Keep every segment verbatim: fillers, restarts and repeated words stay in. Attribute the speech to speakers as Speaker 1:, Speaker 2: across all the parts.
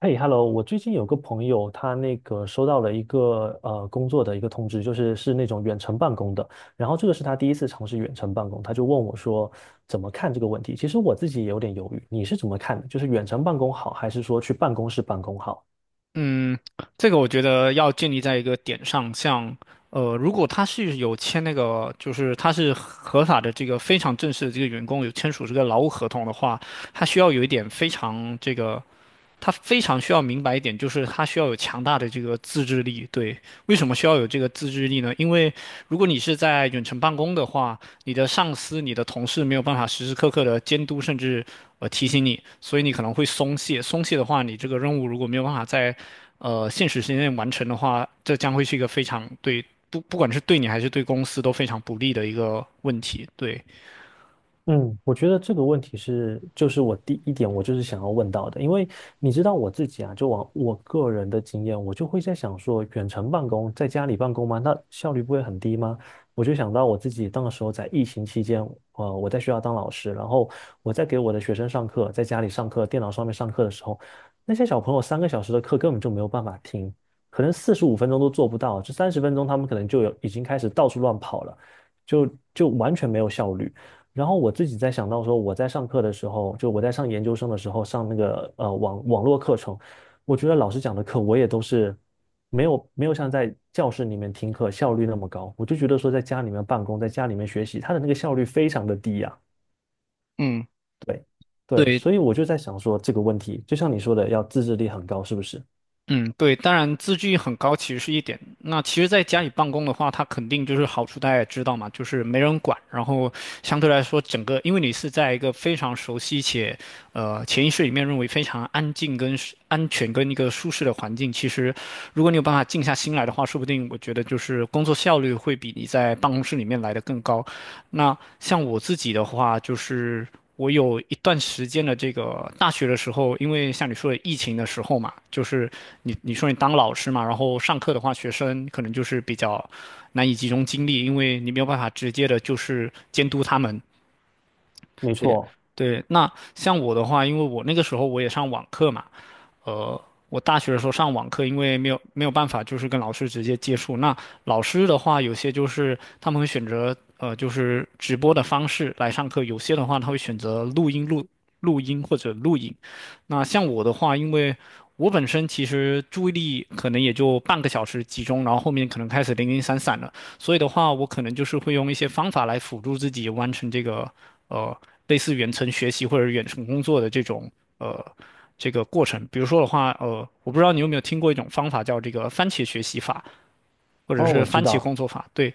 Speaker 1: 嘿，Hello，我最近有个朋友，他那个收到了一个呃工作的一个通知，就是是那种远程办公的。然后这个是他第一次尝试远程办公，他就问我说怎么看这个问题。其实我自己也有点犹豫，你是怎么看的？就是远程办公好，还是说去办公室办公好？
Speaker 2: 嗯，这个我觉得要建立在一个点上，像呃，如果他是有签那个，就是他是合法的这个非常正式的这个员工有签署这个劳务合同的话，他需要有一点非常这个他非常需要明白一点，就是他需要有强大的这个自制力。对，为什么需要有这个自制力呢？因为如果你是在远程办公的话，你的上司、你的同事没有办法时时刻刻的监督，甚至呃提醒你，所以你可能会松懈。松懈的话，你这个任务如果没有办法在呃现实时间内完成的话，这将会是一个非常对不不管是对你还是对公司都非常不利的一个问题。对，
Speaker 1: 嗯，我觉得这个问题是，就是我第一点，我就是想要问到的，因为你知道我自己啊，就往我个人的经验，我就会在想说，远程办公，在家里办公吗？那效率不会很低吗？我就想到我自己当时候在疫情期间，呃，我在学校当老师，然后我在给我的学生上课，在家里上课，电脑上面上课的时候，那些小朋友三个小时的课根本就没有办法听，可能四十五分钟都做不到，这三十分钟他们可能就有已经开始到处乱跑了，就就完全没有效率。然后我自己在想到说，我在上课的时候，就我在上研究生的时候上那个呃网网络课程，我觉得老师讲的课我也都是没有没有像在教室里面听课效率那么高，我就觉得说在家里面办公，在家里面学习，他的那个效率非常的低呀，
Speaker 2: 嗯，
Speaker 1: 对对，
Speaker 2: 对，
Speaker 1: 所以我就在想说这个问题，就像你说的，要自制力很高，是不是？
Speaker 2: 嗯，对，当然自制力很高其实是一点。那其实在家里办公的话，它肯定就是好处，大家也知道嘛，就是没人管，然后相对来说，整个因为你是在一个非常熟悉且呃潜意识里面认为非常安静跟舒安全跟一个舒适的环境，其实如果你有办法静下心来的话，说不定我觉得就是工作效率会比你在办公室里面来的更高。那像我自己的话，就是我有一段时间的这个大学的时候，因为像你说的疫情的时候嘛，就是你你说你当老师嘛，然后上课的话，学生可能就是比较难以集中精力，因为你没有办法直接的就是监督他们。
Speaker 1: 没
Speaker 2: 对，
Speaker 1: 错。
Speaker 2: 对，那像我的话，因为我那个时候我也上网课嘛，呃，我大学的时候上网课，因为没有没有办法，就是跟老师直接接触。那老师的话，有些就是他们会选择呃，就是直播的方式来上课；有些的话，他会选择录音录录音或者录影。那像我的话，因为我本身其实注意力可能也就半个小时集中，然后后面可能开始零零散散了。所以的话，我可能就是会用一些方法来辅助自己完成这个呃类似远程学习或者远程工作的这种呃这个过程。比如说的话，呃，我不知道你有没有听过一种方法叫这个番茄学习法，或者
Speaker 1: 哦，
Speaker 2: 是
Speaker 1: 我知
Speaker 2: 番茄
Speaker 1: 道，
Speaker 2: 工作法。对，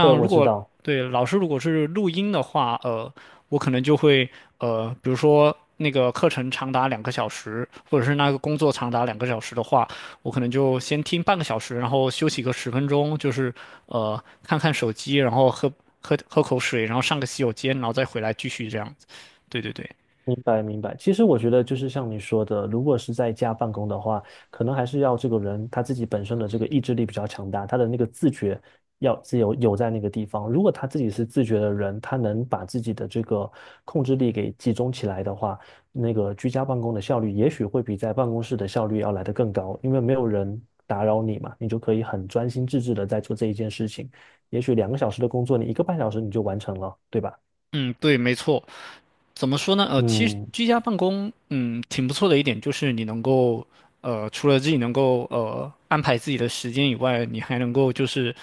Speaker 1: 对，
Speaker 2: 如
Speaker 1: 我知
Speaker 2: 果
Speaker 1: 道。
Speaker 2: 对老师如果是录音的话，呃，我可能就会呃，比如说那个课程长达两个小时，或者是那个工作长达两个小时的话，我可能就先听半个小时，然后休息个十分钟，就是呃看看手机，然后喝喝喝口水，然后上个洗手间，然后再回来继续这样子。对对对，
Speaker 1: 明白，明白。其实我觉得就是像你说的，如果是在家办公的话，可能还是要这个人他自己本身的这个意志力比较强大，他的那个自觉要自由有在那个地方。如果他自己是自觉的人，他能把自己的这个控制力给集中起来的话，那个居家办公的效率也许会比在办公室的效率要来得更高，因为没有人打扰你嘛，你就可以很专心致志的在做这一件事情。也许两个小时的工作，你一个半小时你就完成了，对吧？
Speaker 2: 嗯，对，没错。怎么说呢？呃，其实
Speaker 1: 嗯，
Speaker 2: 居家办公，嗯，挺不错的一点就是你能够，呃，除了自己能够呃安排自己的时间以外，你还能够就是。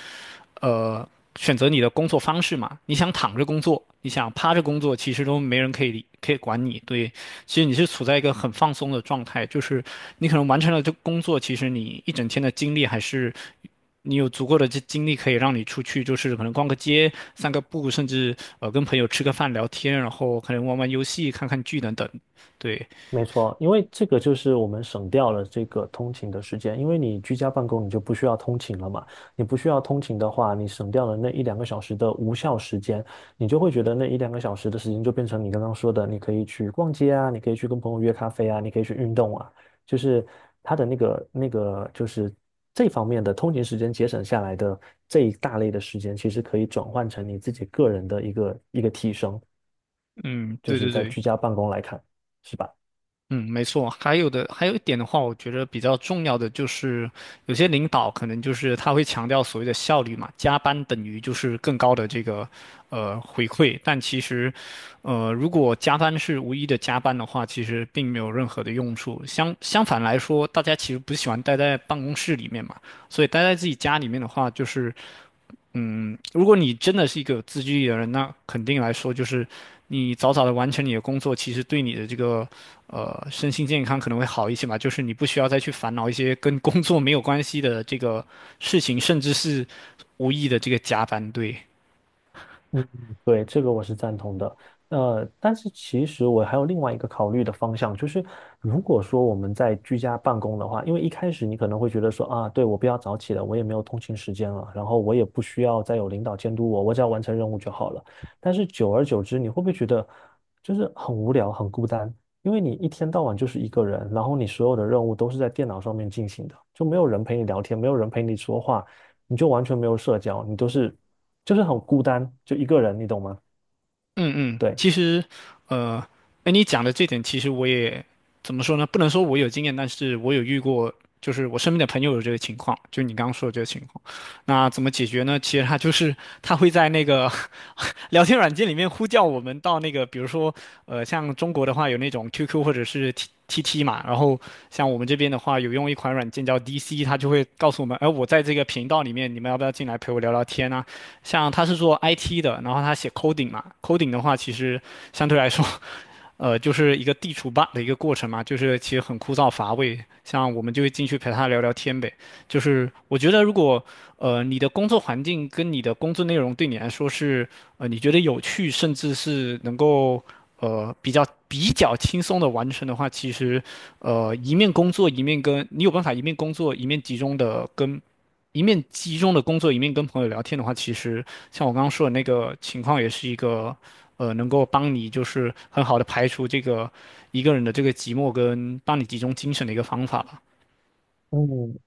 Speaker 2: 呃选择你的工作方式嘛。你想躺着工作，你想趴着工作，其实都没人可以理可以管你。对，其实你是处在一个很放松的状态，就是你可能完成了这个工作，其实你一整天的精力还是。你有足够的这精力可以让你出去，就是可能逛个街、散个步，甚至呃跟朋友吃个饭、聊天，然后可能玩玩游戏、看看剧等等。对，
Speaker 1: 没错，因为这个就是我们省掉了这个通勤的时间，因为你居家办公，你就不需要通勤了嘛。你不需要通勤的话，你省掉了那一两个小时的无效时间，你就会觉得那一两个小时的时间就变成你刚刚说的，你可以去逛街啊，你可以去跟朋友约咖啡啊，你可以去运动啊，就是它的那个那个就是这方面的通勤时间节省下来的这一大类的时间，其实可以转换成你自己个人的一个一个提升，
Speaker 2: 嗯，
Speaker 1: 就
Speaker 2: 对
Speaker 1: 是
Speaker 2: 对
Speaker 1: 在
Speaker 2: 对，
Speaker 1: 居家办公来看，是吧？
Speaker 2: 嗯，没错。还有的，还有一点的话，我觉得比较重要的就是，有些领导可能就是他会强调所谓的效率嘛，加班等于就是更高的这个呃回馈。但其实，呃，如果加班是无意义的加班的话，其实并没有任何的用处。相相反来说，大家其实不喜欢待在办公室里面嘛，所以待在自己家里面的话，就是。嗯，如果你真的是一个有自制力的人，那肯定来说就是，你早早的完成你的工作，其实对你的这个呃身心健康可能会好一些嘛。就是你不需要再去烦恼一些跟工作没有关系的这个事情，甚至是无意的这个加班。对，
Speaker 1: 嗯，对，这个我是赞同的。呃，但是其实我还有另外一个考虑的方向，就是如果说我们在居家办公的话，因为一开始你可能会觉得说啊，对，我不要早起了，我也没有通勤时间了，然后我也不需要再有领导监督我，我只要完成任务就好了。但是久而久之，你会不会觉得就是很无聊、很孤单？因为你一天到晚就是一个人，然后你所有的任务都是在电脑上面进行的，就没有人陪你聊天，没有人陪你说话，你就完全没有社交，你都是。就是很孤单，就一个人，你懂吗？
Speaker 2: 嗯嗯，
Speaker 1: 对，
Speaker 2: 其实，呃，哎，你讲的这点，其实我也怎么说呢？不能说我有经验，但是我有遇过，就是我身边的朋友有这个情况，就你刚刚说的这个情况。那怎么解决呢？其实他就是他会在那个 聊天软件里面呼叫我们到那个，比如说，呃，像中国的话有那种 Q Q 或者是 T TT 嘛，然后像我们这边的话有用一款软件叫 D C，它就会告诉我们，哎、我在这个频道里面，你们要不要进来陪我聊聊天啊？像他是做 I T 的，然后他写 coding 嘛，coding 的话其实相对来说，呃，就是一个地除 bug 的一个过程嘛，就是其实很枯燥乏味。像我们就会进去陪他聊聊天呗。就是我觉得如果呃你的工作环境跟你的工作内容对你来说是呃你觉得有趣，甚至是能够。呃，比较比较轻松的完成的话，其实，呃，一面工作一面跟你有办法一面工作一面集中的跟一面集中的工作，一面跟朋友聊天的话，其实像我刚刚说的那个情况，也是一个呃，能够帮你就是很好的排除这个一个人的这个寂寞，跟帮你集中精神的一个方法吧。
Speaker 1: 嗯，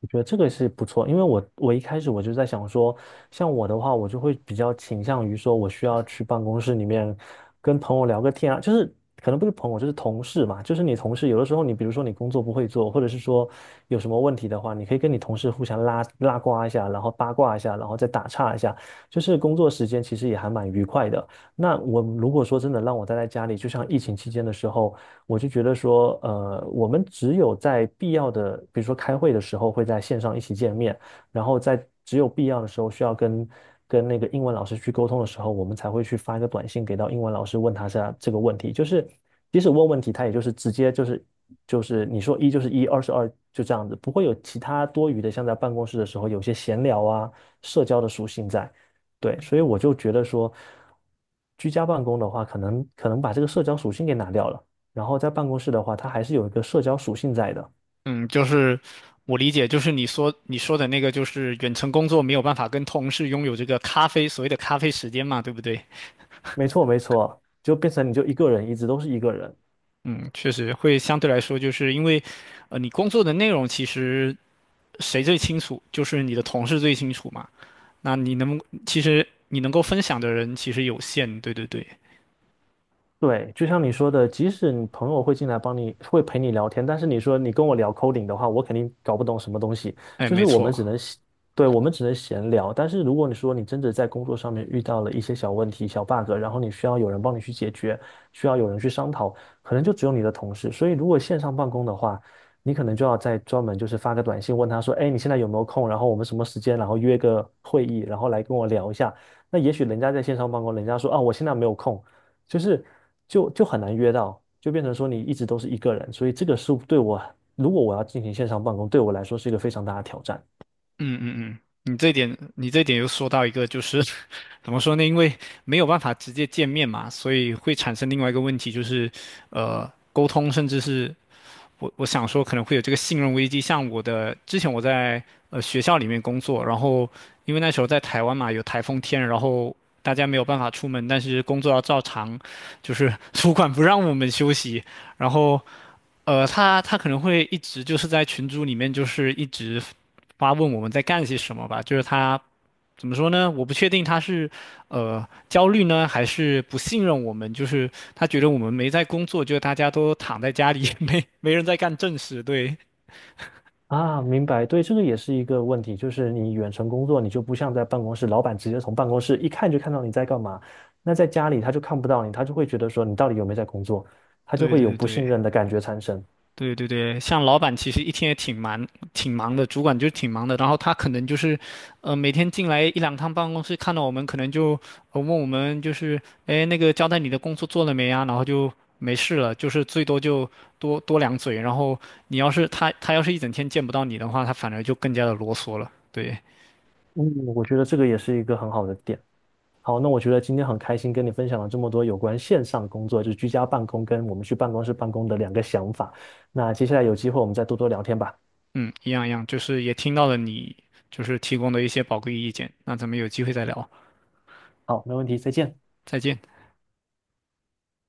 Speaker 1: 我觉得这个是不错，因为我我一开始我就在想说，像我的话，我就会比较倾向于说，我需要去办公室里面跟朋友聊个天啊，就是可能不是朋友，就是同事嘛，就是你同事有的时候你比如说你工作不会做，或者是说有什么问题的话，你可以跟你同事互相拉拉呱一下，然后八卦一下，然后再打岔一下，就是工作时间其实也还蛮愉快的。那我如果说真的让我待在家里，就像疫情期间的时候。我就觉得说，呃，我们只有在必要的，比如说开会的时候会在线上一起见面，然后在只有必要的时候需要跟跟那个英文老师去沟通的时候，我们才会去发一个短信给到英文老师，问他下这个问题。就是即使问问题，他也就是直接就是就是你说一就是一，二是二，就这样子，不会有其他多余的，像在办公室的时候有些闲聊啊、社交的属性在。对，所以我就觉得说，居家办公的话，可能可能把这个社交属性给拿掉了。然后在办公室的话，它还是有一个社交属性在的。
Speaker 2: 嗯，就是我理解，就是你说你说的那个，就是远程工作没有办法跟同事拥有这个咖啡，所谓的咖啡时间嘛，对不对？
Speaker 1: 没错，没错，就变成你就一个人，一直都是一个人。
Speaker 2: 嗯，确实会相对来说，就是因为，呃，你工作的内容其实谁最清楚，就是你的同事最清楚嘛。那你能，其实你能够分享的人其实有限，对对对，
Speaker 1: 对，就像你说的，即使你朋友会进来帮你，会陪你聊天，但是你说你跟我聊 coding 的话，我肯定搞不懂什么东西。
Speaker 2: 哎，
Speaker 1: 就是
Speaker 2: 没
Speaker 1: 我们
Speaker 2: 错，
Speaker 1: 只能闲对，我们只能闲聊。但是如果你说你真的在工作上面遇到了一些小问题、小 bug，然后你需要有人帮你去解决，需要有人去商讨，可能就只有你的同事。所以如果线上办公的话，你可能就要再专门就是发个短信问他说，哎，你现在有没有空？然后我们什么时间？然后约个会议，然后来跟我聊一下。那也许人家在线上办公，人家说啊，我现在没有空。就是就就很难约到，就变成说你一直都是一个人，所以这个是对我，如果我要进行线上办公，对我来说是一个非常大的挑战
Speaker 2: 嗯嗯嗯，你这点你这点又说到一个，就是 怎么说呢？因为没有办法直接见面嘛，所以会产生另外一个问题，就是呃，沟通甚至是我我想说可能会有这个信任危机。像我的之前我在呃学校里面工作，然后因为那时候在台湾嘛，有台风天，然后大家没有办法出门，但是工作要照常，就是 主管不让我们休息，然后呃他他可能会一直就是在群组里面就是一直发问我们在干些什么吧，就是他怎么说呢？我不确定他是呃焦虑呢，还是不信任我们，就是他觉得我们没在工作，就是大家都躺在家里，没没人在干正事。对，
Speaker 1: 啊。明白，对，这个也是一个问题，就是你远程工作，你就不像在办公室，老板直接从办公室一看就看到你在干嘛，那在家里他就看不到你，他就会觉得说你到底有没有在工作，他就
Speaker 2: 对
Speaker 1: 会有
Speaker 2: 对
Speaker 1: 不信
Speaker 2: 对。
Speaker 1: 任的感觉产生。
Speaker 2: 对对对，像老板其实一天也挺忙，挺忙的，主管就是挺忙的。然后他可能就是，呃，每天进来一两趟办公室，看到我们可能就，呃，问我们就是，哎，那个交代你的工作做了没啊？然后就没事了，就是最多就多多两嘴。然后你要是他他要是一整天见不到你的话，他反而就更加的啰嗦了。对，
Speaker 1: 嗯，我觉得这个也是一个很好的点。好，那我觉得今天很开心跟你分享了这么多有关线上工作，就是居家办公跟我们去办公室办公的两个想法。那接下来有机会我们再多多聊天吧。
Speaker 2: 嗯，一样一样，就是也听到了你就是提供的一些宝贵意见。那咱们有机会再聊，
Speaker 1: 好，没问题，再见。
Speaker 2: 再见。